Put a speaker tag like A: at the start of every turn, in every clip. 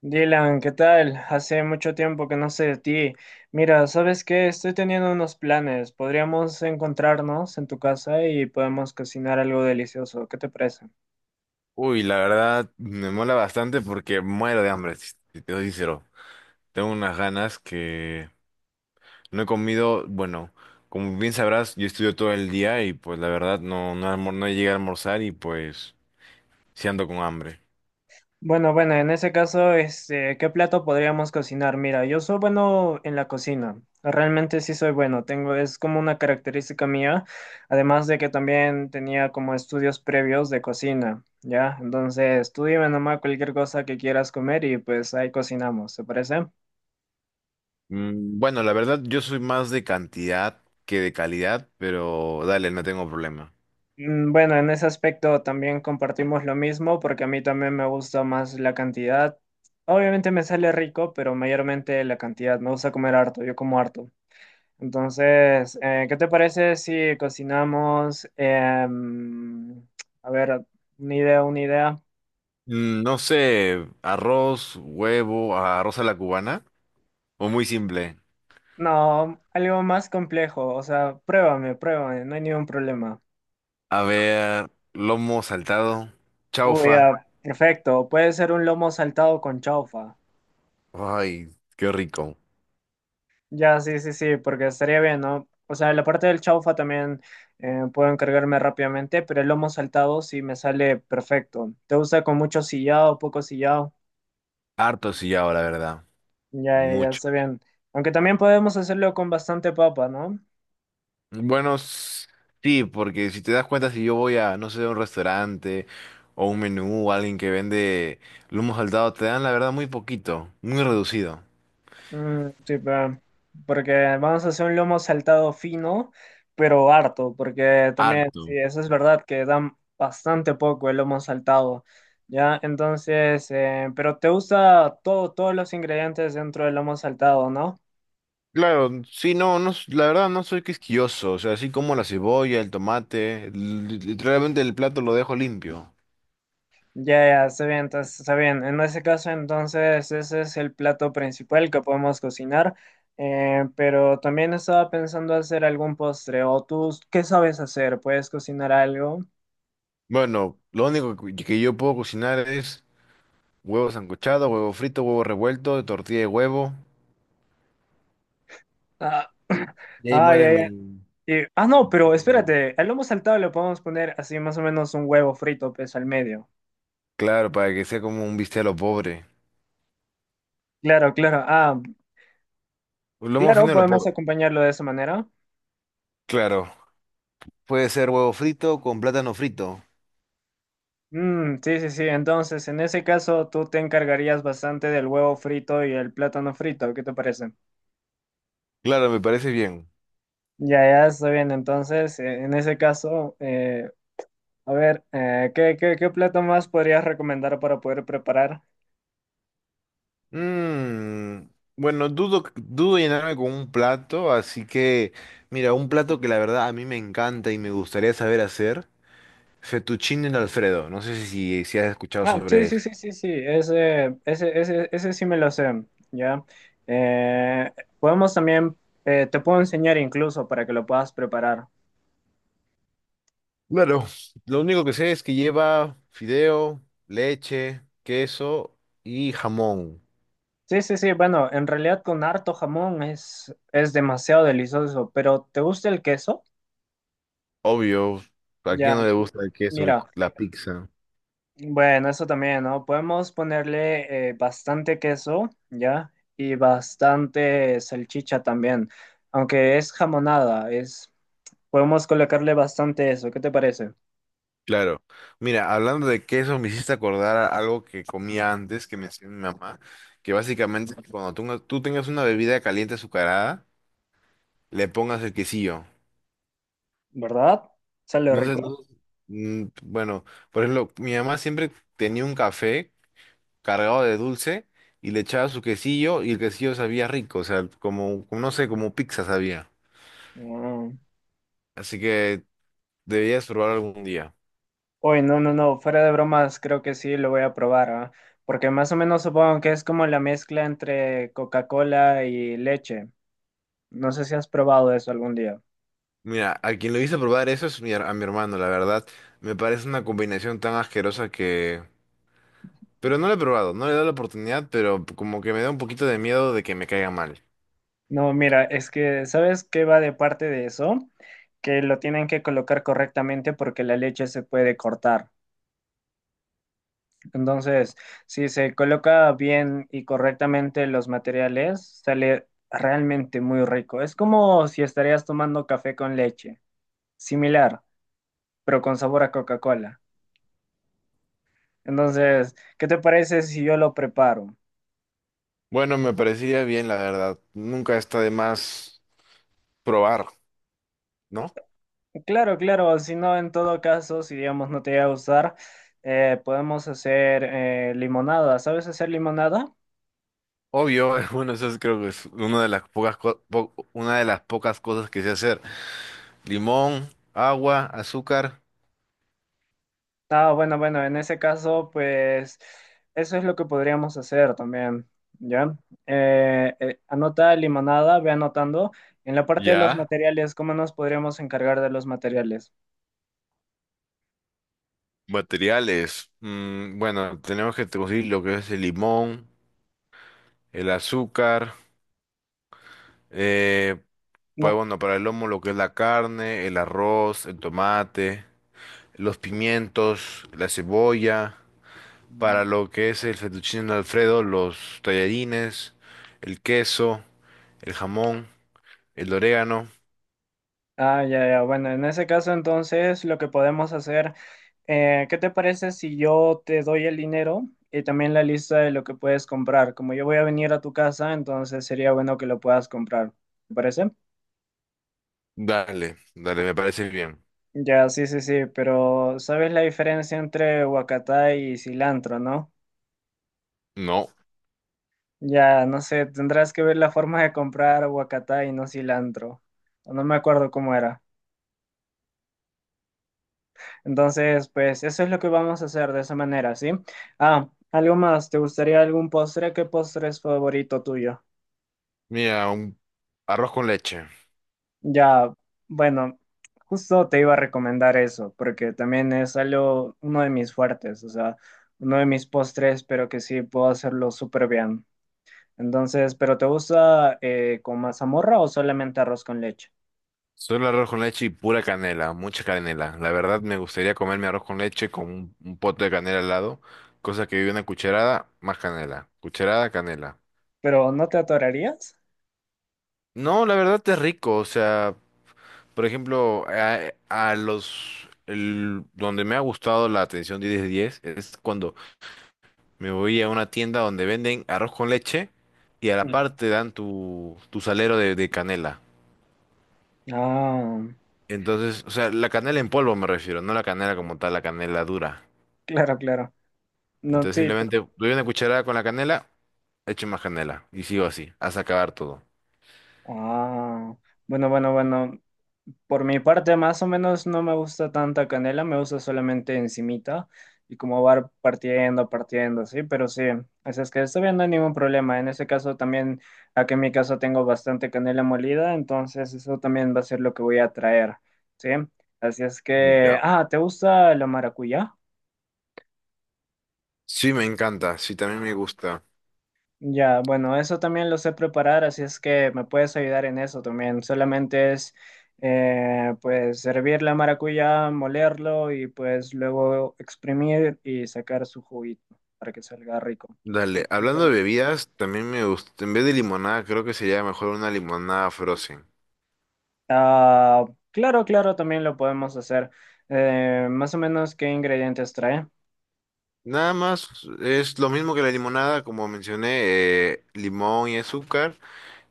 A: Dylan, ¿qué tal? Hace mucho tiempo que no sé de ti. Mira, ¿sabes qué? Estoy teniendo unos planes. Podríamos encontrarnos en tu casa y podemos cocinar algo delicioso. ¿Qué te parece?
B: Uy, la verdad me mola bastante porque muero de hambre, si te soy sincero. Tengo unas ganas que no he comido, bueno, como bien sabrás, yo estudio todo el día y pues la verdad no llegué a almorzar y pues sí ando con hambre.
A: Bueno, bueno, en ese caso, ¿qué plato podríamos cocinar? Mira, yo soy bueno en la cocina. Realmente sí soy bueno. Tengo, es como una característica mía. Además de que también tenía como estudios previos de cocina. ¿Ya? Entonces, tú dime nomás cualquier cosa que quieras comer y pues ahí cocinamos. ¿Te parece?
B: Bueno, la verdad yo soy más de cantidad que de calidad, pero dale, no tengo problema.
A: Bueno, en ese aspecto también compartimos lo mismo porque a mí también me gusta más la cantidad. Obviamente me sale rico, pero mayormente la cantidad. Me gusta comer harto, yo como harto. Entonces, ¿qué te parece si cocinamos? A ver, una idea, una idea.
B: No sé, arroz, huevo, arroz a la cubana o muy simple.
A: No, algo más complejo. O sea, pruébame, pruébame, no hay ningún problema.
B: A ver, lomo saltado,
A: Uy,
B: chaufa.
A: ya, perfecto. Puede ser un lomo saltado con chaufa.
B: Ay, qué rico.
A: Ya, sí, sí, sí, porque estaría bien, ¿no? O sea, la parte del chaufa también puedo encargarme rápidamente, pero el lomo saltado sí me sale perfecto. ¿Te gusta con mucho sillado, poco sillado?
B: Harto sillao, la verdad.
A: Ya, ya, ya
B: Mucho.
A: está bien. Aunque también podemos hacerlo con bastante papa, ¿no?
B: Bueno, sí, porque si te das cuenta, si yo voy a, no sé, a un restaurante o un menú o alguien que vende lomo saltado, te dan, la verdad, muy poquito, muy reducido.
A: Mm, sí, pa, porque vamos a hacer un lomo saltado fino, pero harto, porque también, sí,
B: Harto.
A: eso es verdad que dan bastante poco el lomo saltado, ¿ya? Entonces, pero te gusta todo, todos los ingredientes dentro del lomo saltado, ¿no?
B: Claro, sí, no, no, la verdad no soy quisquilloso, o sea, así como la cebolla, el tomate, literalmente el plato lo dejo limpio.
A: Ya, ya, está bien, entonces, está bien. En ese caso, entonces, ese es el plato principal que podemos cocinar, pero también estaba pensando hacer algún postre, o tú, ¿qué sabes hacer? ¿Puedes cocinar algo?
B: Bueno, lo único que yo puedo cocinar es huevo sancochado, huevo frito, huevo revuelto, tortilla de huevo.
A: Ah,
B: Y ahí
A: ay,
B: muere
A: ay,
B: mi...
A: ay.
B: mi
A: Ah, no, pero
B: itinerario.
A: espérate, al lomo saltado le podemos poner así más o menos un huevo frito, pues, al medio.
B: Claro, para que sea como un bistec a lo pobre.
A: Claro, claro. Ah,
B: Un lomo
A: claro,
B: fino a lo
A: podemos
B: pobre.
A: acompañarlo de esa manera.
B: Claro. Puede ser huevo frito con plátano frito.
A: Mm, sí, sí, sí. Entonces, en ese caso, tú te encargarías bastante del huevo frito y el plátano frito. ¿Qué te parece?
B: Claro, me parece bien.
A: Ya, ya, está bien. Entonces, en ese caso, a ver, ¿qué plato más podrías recomendar para poder preparar?
B: Mm, bueno, dudo llenarme con un plato, así que mira, un plato que la verdad a mí me encanta y me gustaría saber hacer, fettuccine Alfredo. No sé si has escuchado
A: Ah, sí,
B: sobre
A: sí,
B: eso.
A: sí, sí, sí, ese sí me lo sé, ¿ya? Eh, podemos también, te puedo enseñar incluso para que lo puedas preparar.
B: Claro, lo único que sé es que lleva fideo, leche, queso y jamón.
A: Sí, sí, sí, bueno, en realidad con harto jamón es demasiado delicioso, pero ¿te gusta el queso?
B: Obvio, ¿a
A: Ya,
B: quién no le gusta el queso y
A: mira,
B: la pizza?
A: bueno, eso también, ¿no? Podemos ponerle bastante queso, ¿ya? Y bastante salchicha también, aunque es jamonada, es, podemos colocarle bastante eso, ¿qué te parece?
B: Claro. Mira, hablando de queso, me hiciste acordar a algo que comía antes, que me hacía mi mamá, que básicamente es que cuando tú tengas una bebida caliente azucarada, le pongas el quesillo.
A: ¿Verdad? ¿Sale
B: No sé,
A: rico?
B: bueno, por ejemplo, mi mamá siempre tenía un café cargado de dulce y le echaba su quesillo y el quesillo sabía rico, o sea, como, no sé, como pizza sabía.
A: Mm.
B: Así que deberías probar algún día.
A: Uy, no, no, no, fuera de bromas, creo que sí lo voy a probar, ¿ah? Porque más o menos supongo que es como la mezcla entre Coca-Cola y leche. No sé si has probado eso algún día.
B: Mira, a quien lo hice probar eso es a mi hermano, la verdad. Me parece una combinación tan asquerosa que... Pero no lo he probado, no le he dado la oportunidad, pero como que me da un poquito de miedo de que me caiga mal.
A: No, mira, es que, ¿sabes qué va de parte de eso? Que lo tienen que colocar correctamente porque la leche se puede cortar. Entonces, si se coloca bien y correctamente los materiales, sale realmente muy rico. Es como si estarías tomando café con leche. Similar, pero con sabor a Coca-Cola. Entonces, ¿qué te parece si yo lo preparo?
B: Bueno, me parecería bien, la verdad. Nunca está de más probar, ¿no?
A: Claro, claro, si no, en todo caso, si digamos no te va a gustar, podemos hacer limonada. ¿Sabes hacer limonada?
B: Obvio, bueno, creo que es una de las pocas cosas que sé hacer. Limón, agua, azúcar.
A: Ah, bueno, bueno, en ese caso, pues eso es lo que podríamos hacer también, ¿ya? Anota limonada, ve anotando. En la parte de los
B: Ya.
A: materiales, ¿cómo nos podríamos encargar de los materiales?
B: Materiales. Bueno, tenemos que conseguir lo que es el limón, el azúcar. Eh, pues bueno, para el lomo lo que es la carne, el arroz, el tomate, los pimientos, la cebolla.
A: No.
B: Para lo que es el fettuccine Alfredo, los tallarines, el queso, el jamón, el orégano.
A: Ah, ya, ya. Bueno, en ese caso entonces lo que podemos hacer, ¿qué te parece si yo te doy el dinero y también la lista de lo que puedes comprar? Como yo voy a venir a tu casa, entonces sería bueno que lo puedas comprar. ¿Te parece?
B: Dale, dale, me parece bien.
A: Ya, sí, sí, sí, pero ¿sabes la diferencia entre huacatá y cilantro, no?
B: No,
A: Ya, no sé, tendrás que ver la forma de comprar huacatá y no cilantro. No me acuerdo cómo era. Entonces, pues eso es lo que vamos a hacer de esa manera, ¿sí? Ah, algo más, ¿te gustaría algún postre? ¿Qué postre es favorito tuyo?
B: mira, un arroz con leche.
A: Ya, bueno, justo te iba a recomendar eso, porque también es algo, uno de mis fuertes, o sea, uno de mis postres, pero que sí puedo hacerlo súper bien. Entonces, ¿pero te gusta con mazamorra o solamente arroz con leche?
B: Solo arroz con leche y pura canela, mucha canela. La verdad me gustaría comerme arroz con leche con un pote de canela al lado, cosa que vive una cucharada más canela, cucharada canela.
A: ¿Pero no te atorarías?
B: No, la verdad es rico, o sea, por ejemplo, donde me ha gustado la atención 10 de 10 es cuando me voy a una tienda donde venden arroz con leche y a la
A: Mm.
B: parte dan tu salero de canela.
A: Ah,
B: Entonces, o sea, la canela en polvo me refiero, no la canela como tal, la canela dura.
A: claro, claro. No,
B: Entonces
A: sí.
B: simplemente doy una cucharada con la canela, echo más canela y sigo así, hasta acabar todo.
A: Ah, bueno, bueno, bueno. Por mi parte, más o menos no me gusta tanta canela, me gusta solamente encimita y como va partiendo, partiendo, sí, pero sí, así es que está bien, no hay ningún problema. En ese caso también, aquí en mi caso tengo bastante canela molida, entonces eso también va a ser lo que voy a traer, sí. Así es que,
B: Ya.
A: ah, ¿te gusta la maracuyá?
B: Sí, me encanta, sí, también me gusta.
A: Ya, bueno, eso también lo sé preparar, así es que me puedes ayudar en eso también. Solamente es, pues, servir la maracuyá, molerlo y pues luego exprimir y sacar su juguito para que salga rico.
B: Dale,
A: Bueno,
B: hablando de
A: antes-
B: bebidas, también me gusta, en vez de limonada, creo que sería mejor una limonada frozen.
A: Ah, claro, claro, también lo podemos hacer. Más o menos, ¿qué ingredientes trae?
B: Nada más, es lo mismo que la limonada, como mencioné, limón y azúcar,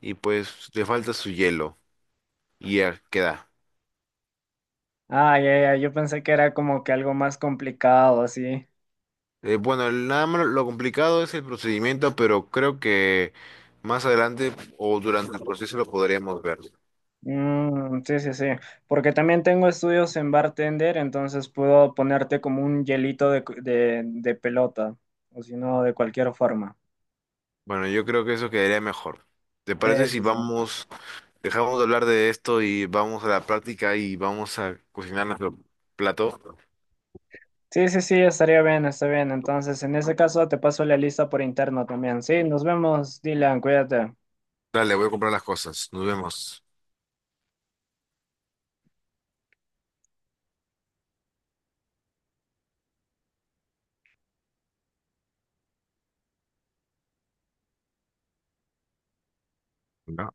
B: y pues le falta su hielo, y ya queda.
A: Ah, ya, ya, yo pensé que era como que algo más complicado, así.
B: Bueno, nada más lo complicado es el procedimiento, pero creo que más adelante o durante el proceso lo podríamos ver.
A: Mm, sí, sí, sí. Porque también tengo estudios en bartender, entonces puedo ponerte como un hielito de pelota, o si no, de cualquier forma.
B: Bueno, yo creo que eso quedaría mejor. ¿Te parece
A: Sí,
B: si
A: sí, sí.
B: vamos, dejamos de hablar de esto y vamos a la práctica y vamos a cocinar nuestro plato?
A: Sí, sí, sí, estaría bien, está bien. Entonces, en ese caso, te paso la lista por interno también. Sí, nos vemos, Dylan, cuídate.
B: Dale, voy a comprar las cosas. Nos vemos. ¿No?